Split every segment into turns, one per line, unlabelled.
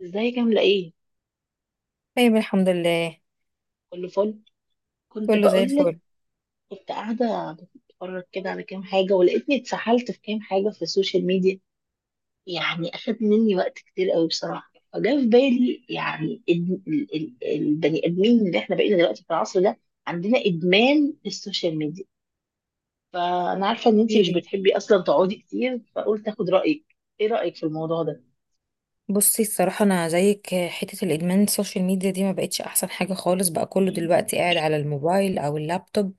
ازيك عاملة ايه؟
طيب الحمد لله.
كله فل. كنت
كله زي
بقولك،
الفل.
كنت قاعدة بتفرج كده على كام حاجة ولقيتني اتسحلت في كام حاجة في السوشيال ميديا. يعني أخد مني وقت كتير قوي بصراحة، فجاء في بالي يعني البني آدمين اللي احنا بقينا دلوقتي في العصر ده عندنا إدمان السوشيال ميديا. فأنا عارفة إن انتي مش
ايه،
بتحبي أصلا تقعدي كتير، فقلت أخد رأيك. ايه رأيك في الموضوع ده؟
بصي الصراحة أنا زيك، حتة الإدمان السوشيال ميديا دي ما بقتش أحسن حاجة خالص. بقى كله دلوقتي قاعد على الموبايل أو اللابتوب،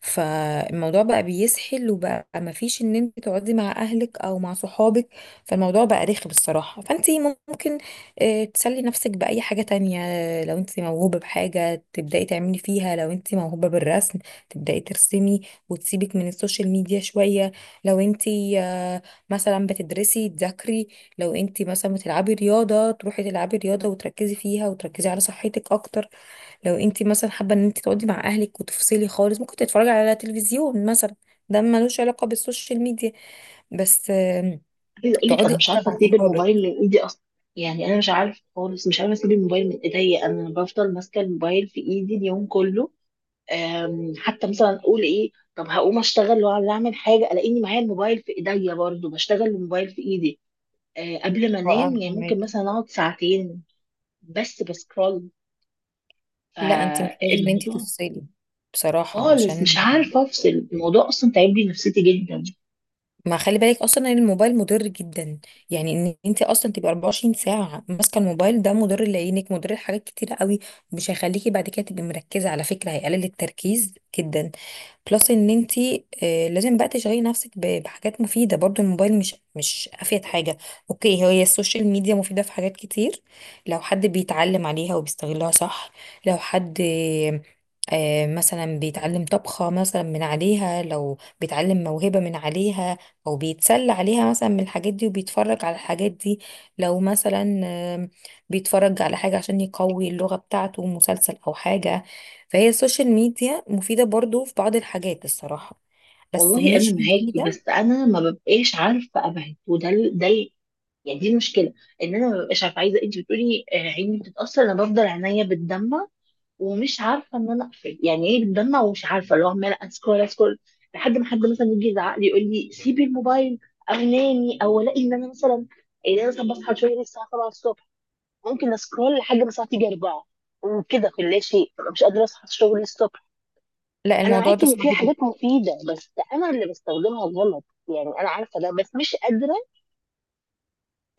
فالموضوع بقى بيسحل وبقى ما فيش إن أنت تقعدي مع أهلك أو مع صحابك. فالموضوع بقى رخم الصراحة، فأنت ممكن تسلي نفسك بأي حاجة تانية. لو أنت موهوبة بحاجة تبدأي تعملي فيها، لو أنت موهوبة بالرسم تبدأي ترسمي وتسيبك من السوشيال ميديا شوية. لو أنت آه، مثلا بتدرسي، تذاكري. لو انت مثلا بتلعبي رياضه، تروحي تلعبي رياضه وتركزي فيها وتركزي على صحتك اكتر. لو انت مثلا حابه ان انت تقعدي مع اهلك وتفصلي خالص، ممكن تتفرجي على تلفزيون مثلا. ده ملوش علاقه بالسوشيال ميديا. بس
عايزه اقول لك
تقعدي
انا مش
اكتر
عارفه
مع
اسيب الموبايل
صحابك.
من ايدي اصلا. يعني انا مش عارفه خالص، مش عارفه اسيب الموبايل من ايديا، انا بفضل ماسكه الموبايل في ايدي اليوم كله. حتى مثلا اقول ايه، طب هقوم اشتغل ولا اعمل حاجه، الاقيني معايا الموبايل في ايديا، برضو بشتغل الموبايل في ايدي. قبل ما
اه
انام
انا
يعني ممكن مثلا
فهماكي.
اقعد ساعتين بس بسكرول.
لا انت محتاجه ان انت
فالموضوع
تفصلي بصراحه، عشان
خالص مش عارفه افصل، الموضوع اصلا تعب لي نفسيتي جدا.
ما خلي بالك اصلا ان الموبايل مضر جدا. يعني ان انت اصلا تبقي 24 ساعه ماسكه الموبايل، ده مضر لعينك، مضر لحاجات كتيره قوي. مش هيخليكي بعد كده تبقي مركزه على فكره، هيقلل التركيز جدا. بلس ان انت لازم بقى تشغلي نفسك بحاجات مفيده. برضو الموبايل مش افيد حاجه. اوكي، هي السوشيال ميديا مفيده في حاجات كتير لو حد بيتعلم عليها وبيستغلها صح. لو حد مثلا بيتعلم طبخة مثلا من عليها، لو بيتعلم موهبة من عليها، هو بيتسلى عليها مثلا من الحاجات دي وبيتفرج على الحاجات دي. لو مثلا آم، بيتفرج على حاجة عشان يقوي اللغة بتاعته، مسلسل أو حاجة. فهي السوشيال ميديا مفيدة برضو في بعض الحاجات الصراحة، بس
والله انا
مش
معاكي،
مفيدة.
بس انا ما ببقاش عارفه ابعد، وده ال- ده يعني دي المشكله، ان انا ما ببقاش عارفه. عايزه انت بتقولي، عيني بتتاثر، انا بفضل عينيا بتدمع ومش عارفه ان انا اقفل. يعني ايه بتدمع ومش عارفه اللي هو عماله اسكرول اسكرول لحد ما حد مثلا يجي يزعق لي يقول لي سيبي الموبايل او نامي، او الاقي ان انا مثلا، ان انا مثلا بصحى شويه الساعه 7 الصبح ممكن اسكرول لحد ما الساعه تيجي 4 وكده في لا شيء، ببقى مش قادره اصحى الشغل الصبح.
لا
انا
الموضوع
معاكي
ده
ان
صعب
في
جدا.
حاجات مفيده، بس انا اللي بستخدمها غلط. يعني انا عارفه ده بس مش قادره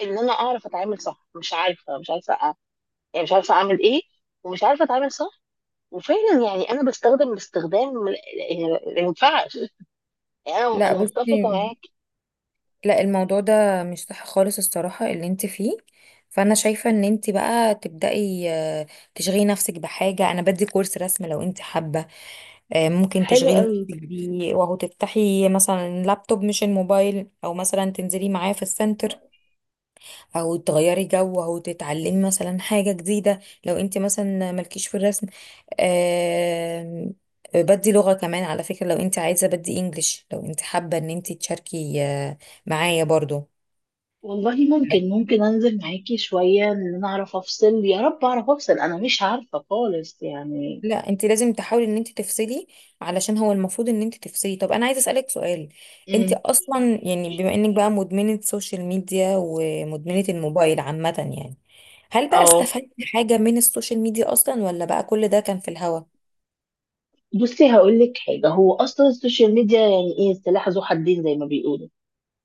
ان انا اعرف اتعامل صح، مش عارفه، مش عارفه. يعني مش عارفه اعمل ايه، ومش عارفه اتعامل صح. وفعلا يعني انا بستخدم باستخدام، يعني ما ينفعش. يعني انا
لا
انا متفقه
بصي،
معاك.
لا الموضوع ده مش صح خالص الصراحة اللي انت فيه. فانا شايفة ان انت بقى تبدأي تشغلي نفسك بحاجة. انا بدي كورس رسم لو انت حابة، ممكن
حلو
تشغلي نفسك
قوي.
بيه، وهو تفتحي مثلا لابتوب مش الموبايل، او مثلا تنزلي معاه في السنتر، او تغيري جو، او تتعلمي مثلا حاجة جديدة. لو انت مثلا مالكيش في الرسم، آم، بدي لغة كمان على فكرة، لو انت عايزة بدي انجليش. لو انت حابة ان انت تشاركي معايا برضو.
والله ممكن، ممكن انزل معاكي شويه ان انا اعرف افصل، يا رب اعرف افصل، انا مش عارفه خالص يعني.
لا انت لازم تحاولي ان انت تفصلي، علشان هو المفروض ان انت تفصلي. طب انا عايزه اسالك سؤال، انت
امم.
اصلا يعني بما انك بقى مدمنه سوشيال ميديا ومدمنه الموبايل عامه، يعني هل بقى
اه،
استفدتي حاجه من السوشيال ميديا اصلا، ولا بقى كل ده كان في الهوا؟
بصي هقول لك حاجه، هو اصلا السوشيال ميديا يعني ايه؟ سلاح ذو حدين زي ما بيقولوا.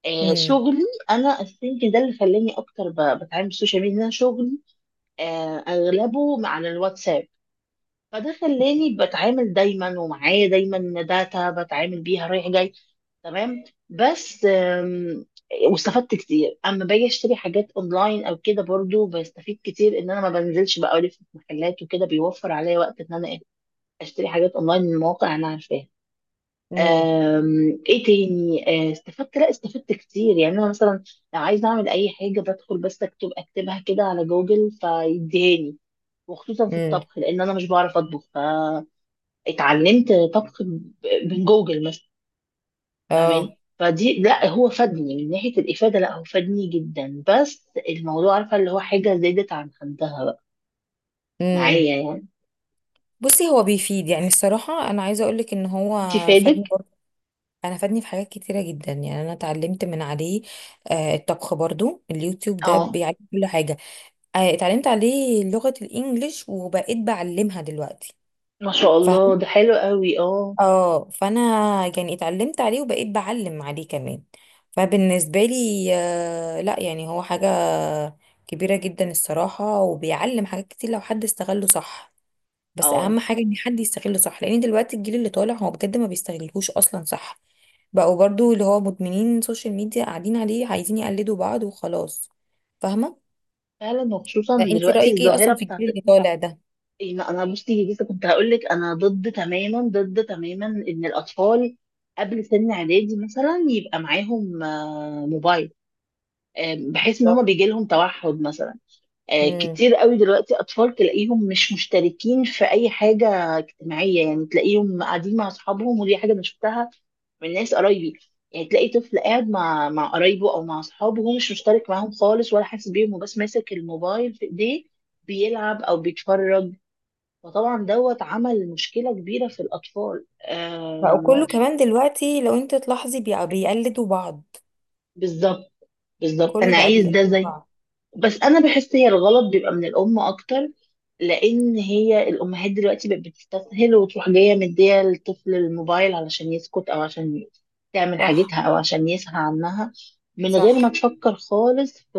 آه،
امم،
شغلي. انا الثينك ده اللي خلاني اكتر بتعامل بالسوشيال ميديا، إن أنا شغلي آه اغلبه على الواتساب. فده خلاني بتعامل دايما، ومعايا دايما داتا بتعامل بيها رايح جاي. تمام. بس واستفدت كتير اما باجي اشتري حاجات اونلاين او كده. برضو بستفيد كتير ان انا ما بنزلش بقى الف في محلات وكده، بيوفر عليا وقت ان انا اشتري حاجات اونلاين من مواقع انا عارفاها.
امم،
ايه تاني؟ استفدت، لا استفدت كتير. يعني انا مثلا لو عايزه اعمل اي حاجه بدخل بس اكتب اكتبها كده على جوجل فيديهاني. وخصوصا في
امم،
الطبخ، لان انا مش بعرف اطبخ، ف اتعلمت طبخ من جوجل مثلا،
اه،
فاهماني؟ فدي، لا هو فادني من ناحية الإفادة، لا هو فادني جدا. بس الموضوع عارفة اللي هو حاجة زادت عن حدها بقى معايا
امم.
يعني.
بصي هو بيفيد، يعني الصراحه انا عايزه اقولك ان هو
انت
فادني
فادك؟
برضه. انا فادني في حاجات كتيره جدا، يعني انا اتعلمت من عليه آه الطبخ برضو. اليوتيوب ده
اه،
بيعلم كل حاجه. اتعلمت عليه لغة الانجليش وبقيت بعلمها دلوقتي.
ما شاء الله،
فاهم؟
ده حلو قوي. اه.
اه فانا يعني اتعلمت عليه وبقيت بعلم عليه كمان. فبالنسبة لي لا يعني هو حاجة كبيرة جدا الصراحة، وبيعلم حاجات كتير لو حد استغله صح. بس
اه
اهم حاجة ان حد يستغله صح، لان دلوقتي الجيل اللي طالع هو بجد ما بيستغلهوش اصلا. صح، بقوا برضو اللي هو مدمنين سوشيال ميديا قاعدين عليه، عايزين يقلدوا بعض وخلاص. فاهمة؟
فعلا، وخصوصا
فانت
دلوقتي
رأيك ايه
الظاهرة
اصلا في
بتاعت.
الجيل اللي طالع ده؟
أنا بصي لسه كنت هقول لك، انا ضد تماما، ضد تماما، ان الأطفال قبل سن اعدادي مثلا يبقى معاهم موبايل. بحيث ان هما
بالظبط.
بيجي لهم توحد مثلا. كتير قوي دلوقتي اطفال تلاقيهم مش مشتركين في اي حاجه اجتماعيه. يعني تلاقيهم قاعدين مع اصحابهم، ودي حاجه انا شفتها من ناس قرايبي. يعني تلاقي طفل قاعد مع قرايبه او مع اصحابه وهو مش مشترك معاهم خالص ولا حاسس بيهم، وبس ماسك الموبايل في ايديه بيلعب او بيتفرج. فطبعا دوت عمل مشكله كبيره في الاطفال.
بقى
آم،
كله كمان دلوقتي لو انت تلاحظي بقى بيقلدوا بعض،
بالظبط. بالظبط،
كله
انا
بقى
عايز ده
بيقلد
زي،
بعض.
بس انا بحس هي الغلط بيبقى من الام اكتر. لان هي الامهات دلوقتي بقت بتستسهل وتروح جايه مديه للطفل الموبايل علشان يسكت، او عشان تعمل
صح،
حاجتها، او عشان يسهى عنها، من غير ما
صح،
تفكر خالص في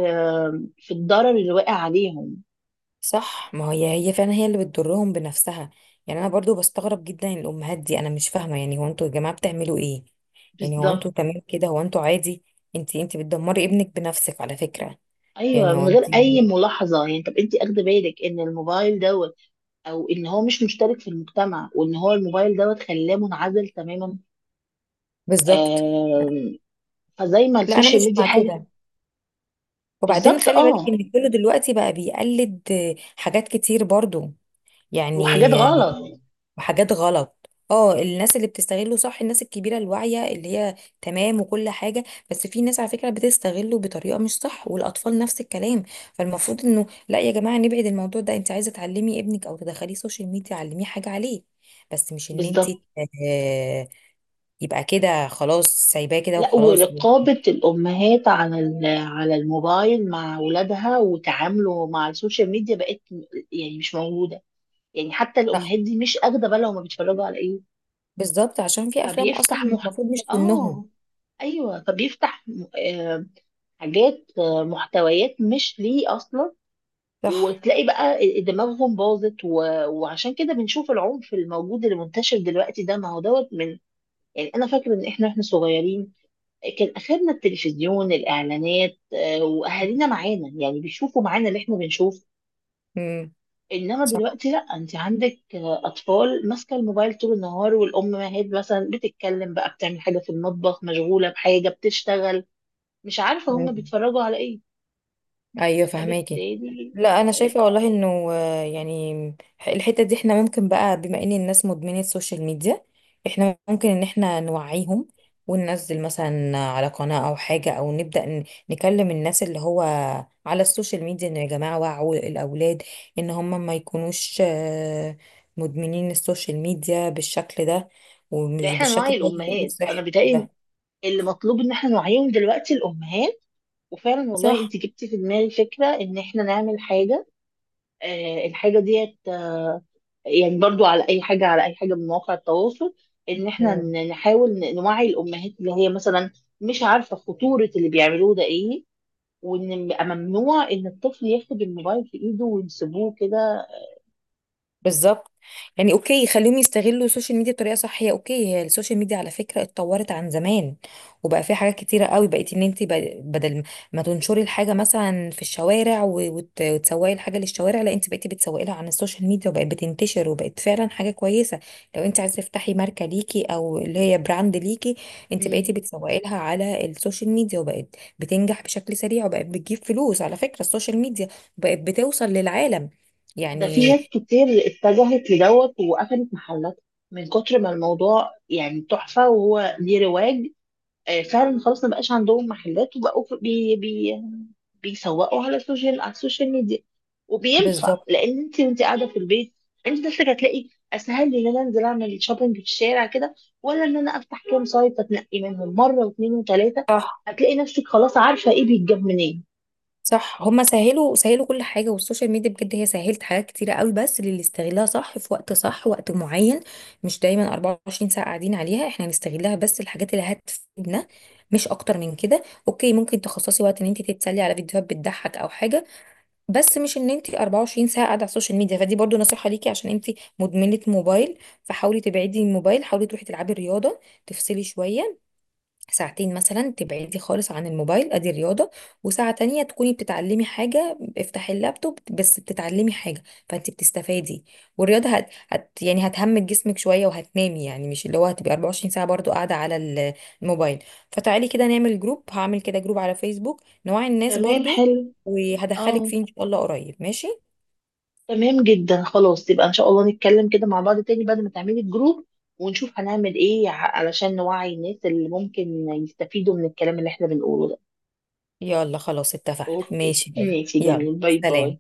في الضرر اللي واقع عليهم.
صح، ما هي هي فعلا هي اللي بتضرهم بنفسها. يعني انا برضو بستغرب جدا الامهات دي، انا مش فاهمه، يعني هو انتوا يا جماعه بتعملوا ايه؟ يعني هو
بالظبط.
انتوا تمام كده، هو انتوا عادي؟ انت بتدمري ابنك بنفسك على فكره.
ايوه
يعني هو
من غير
انت،
اي ملاحظه. يعني طب انت اخده بالك ان الموبايل دوت، او ان هو مش مشترك في المجتمع، وان هو الموبايل دوت خلاه منعزل تماما.
بالظبط.
آم، فزي ما
لا انا مش
السوشيال ميديا
مع
حاجه.
كده. وبعدين
بالظبط
خلي بالك
اه.
ان كله دلوقتي بقى بيقلد حاجات كتير برضو،
وحاجات
يعني
غلط.
وحاجات غلط. اه، الناس اللي بتستغله صح، الناس الكبيرة الواعية اللي هي تمام وكل حاجة. بس في ناس على فكرة بتستغله بطريقة مش صح، والأطفال نفس الكلام. فالمفروض انه لا يا جماعة نبعد الموضوع ده. انت عايزة تعلمي ابنك او تدخليه سوشيال ميديا، علميه حاجة عليه، بس مش ان انت
بالظبط.
آه، يبقى كده خلاص سايباه كده
لا
وخلاص.
ورقابة الأمهات على على الموبايل مع أولادها وتعامله مع السوشيال ميديا يعني مش موجودة. يعني حتى
صح،
الأمهات دي مش أخدة بالها هما بيتفرجوا على إيه.
بالظبط، عشان في افلام اصلا
فبيفتح مح،
المفروض مش سنهم.
آه، أيوه فبيفتح حاجات، محتويات مش ليه أصلا.
صح.
وتلاقي بقى دماغهم باظت و... وعشان كده بنشوف العنف الموجود اللي منتشر دلوقتي ده، ما هو دوت من، يعني انا فاكره ان احنا، صغيرين كان اخرنا التلفزيون، الاعلانات، واهالينا معانا يعني بيشوفوا معانا اللي احنا بنشوف.
امم.
انما
صح.
دلوقتي لا، انت عندك اطفال ماسكه الموبايل طول النهار، والامهات مثلا بتتكلم بقى، بتعمل حاجه في المطبخ، مشغوله بحاجه، بتشتغل، مش عارفه هم
مم.
بيتفرجوا على ايه.
ايوه فهماكي.
فبالتالي
لا انا شايفه والله انه يعني الحته دي احنا ممكن بقى، بما ان الناس مدمنه السوشيال ميديا، احنا ممكن ان احنا نوعيهم، وننزل مثلا على قناه او حاجه، او نبدا نكلم الناس اللي هو على السوشيال ميديا انه يا جماعه وعوا الاولاد ان هم ما يكونوش مدمنين السوشيال ميديا بالشكل ده،
ده
ومش
احنا
بالشكل
نوعي
ده اللي غير
الامهات، انا
صحي
بيتهيألي
ده.
اللي مطلوب ان احنا نوعيهم دلوقتي الامهات. وفعلا والله
صح.
انت جبتي في دماغي فكره ان احنا نعمل حاجه. الحاجه ديت يعني برضو على اي حاجه، على اي حاجه من مواقع التواصل، ان احنا نحاول نوعي الامهات اللي هي مثلا مش عارفه خطوره اللي بيعملوه ده ايه، وان يبقى ممنوع ان الطفل ياخد الموبايل في ايده ويسيبوه كده.
بالظبط. يعني اوكي خليهم يستغلوا السوشيال ميديا بطريقه صح. هي اوكي، هي السوشيال ميديا على فكره اتطورت عن زمان، وبقى في حاجات كتيره قوي بقيت ان انت بدل ما تنشري الحاجه مثلا في الشوارع وتسوقي الحاجه للشوارع، لا انت بقيتي بتسوقي لها عن السوشيال ميديا، وبقت بتنتشر وبقت فعلا حاجه كويسه. لو انت عايزه تفتحي ماركه ليكي او اللي هي براند ليكي، انت
مم.
بقيتي بتسوقي لها على السوشيال ميديا، وبقت بتنجح بشكل سريع، وبقت بتجيب فلوس على فكره السوشيال ميديا، وبقت بتوصل للعالم
ده في
يعني.
ناس كتير اتجهت لدوت وقفلت محلات، من كتر ما الموضوع يعني تحفه وهو ليه رواج. فعلا خلاص ما بقاش عندهم محلات وبقوا بي بيسوقوا على السوشيال، على السوشيال ميديا. وبينفع
بالظبط.
لان انت وانت قاعده في البيت، انت نفسك هتلاقي اسهل لي ان انا انزل اعمل شوبينج في الشارع كده، ولا ان انا افتح كام سايت اتنقي منهم مره واثنين وثلاثه.
صح،
هتلاقي نفسك خلاص عارفه ايه بيتجاب منين.
صح، هما سهلوا سهلوا كل حاجة، والسوشيال ميديا بجد هي سهلت حاجات كتيرة قوي بس للي يستغلها صح في وقت صح، وقت معين، مش دايما 24 ساعة قاعدين عليها. احنا هنستغلها بس الحاجات اللي هتفيدنا، مش اكتر من كده. اوكي ممكن تخصصي وقت ان انت تتسلي على فيديوهات بتضحك او حاجة، بس مش ان انت 24 ساعة قاعدة على السوشيال ميديا. فدي برضو نصيحة ليكي عشان انت مدمنة موبايل. فحاولي تبعدي الموبايل، حاولي تروحي تلعبي رياضة، تفصلي شوية ساعتين مثلا، تبعدي خالص عن الموبايل ادي رياضة، وساعة تانية تكوني بتتعلمي حاجة، افتحي اللابتوب بس بتتعلمي حاجة، فانت بتستفادي. والرياضة يعني هتهمك جسمك شوية وهتنامي، يعني مش اللي هو هتبقي 24 ساعة برضو قاعدة على الموبايل. فتعالي كده نعمل جروب، هعمل كده جروب على فيسبوك نوعي الناس
تمام،
برضو،
حلو.
وهدخلك
اه
فيه ان شاء الله قريب. ماشي
تمام جدا، خلاص يبقى ان شاء الله نتكلم كده مع بعض تاني بعد ما تعملي الجروب ونشوف هنعمل ايه علشان نوعي الناس اللي ممكن يستفيدوا من الكلام اللي احنا بنقوله ده.
يلا خلاص اتفقنا.
اوكي،
ماشي
ماشي،
يلا
جميل. باي باي.
سلام.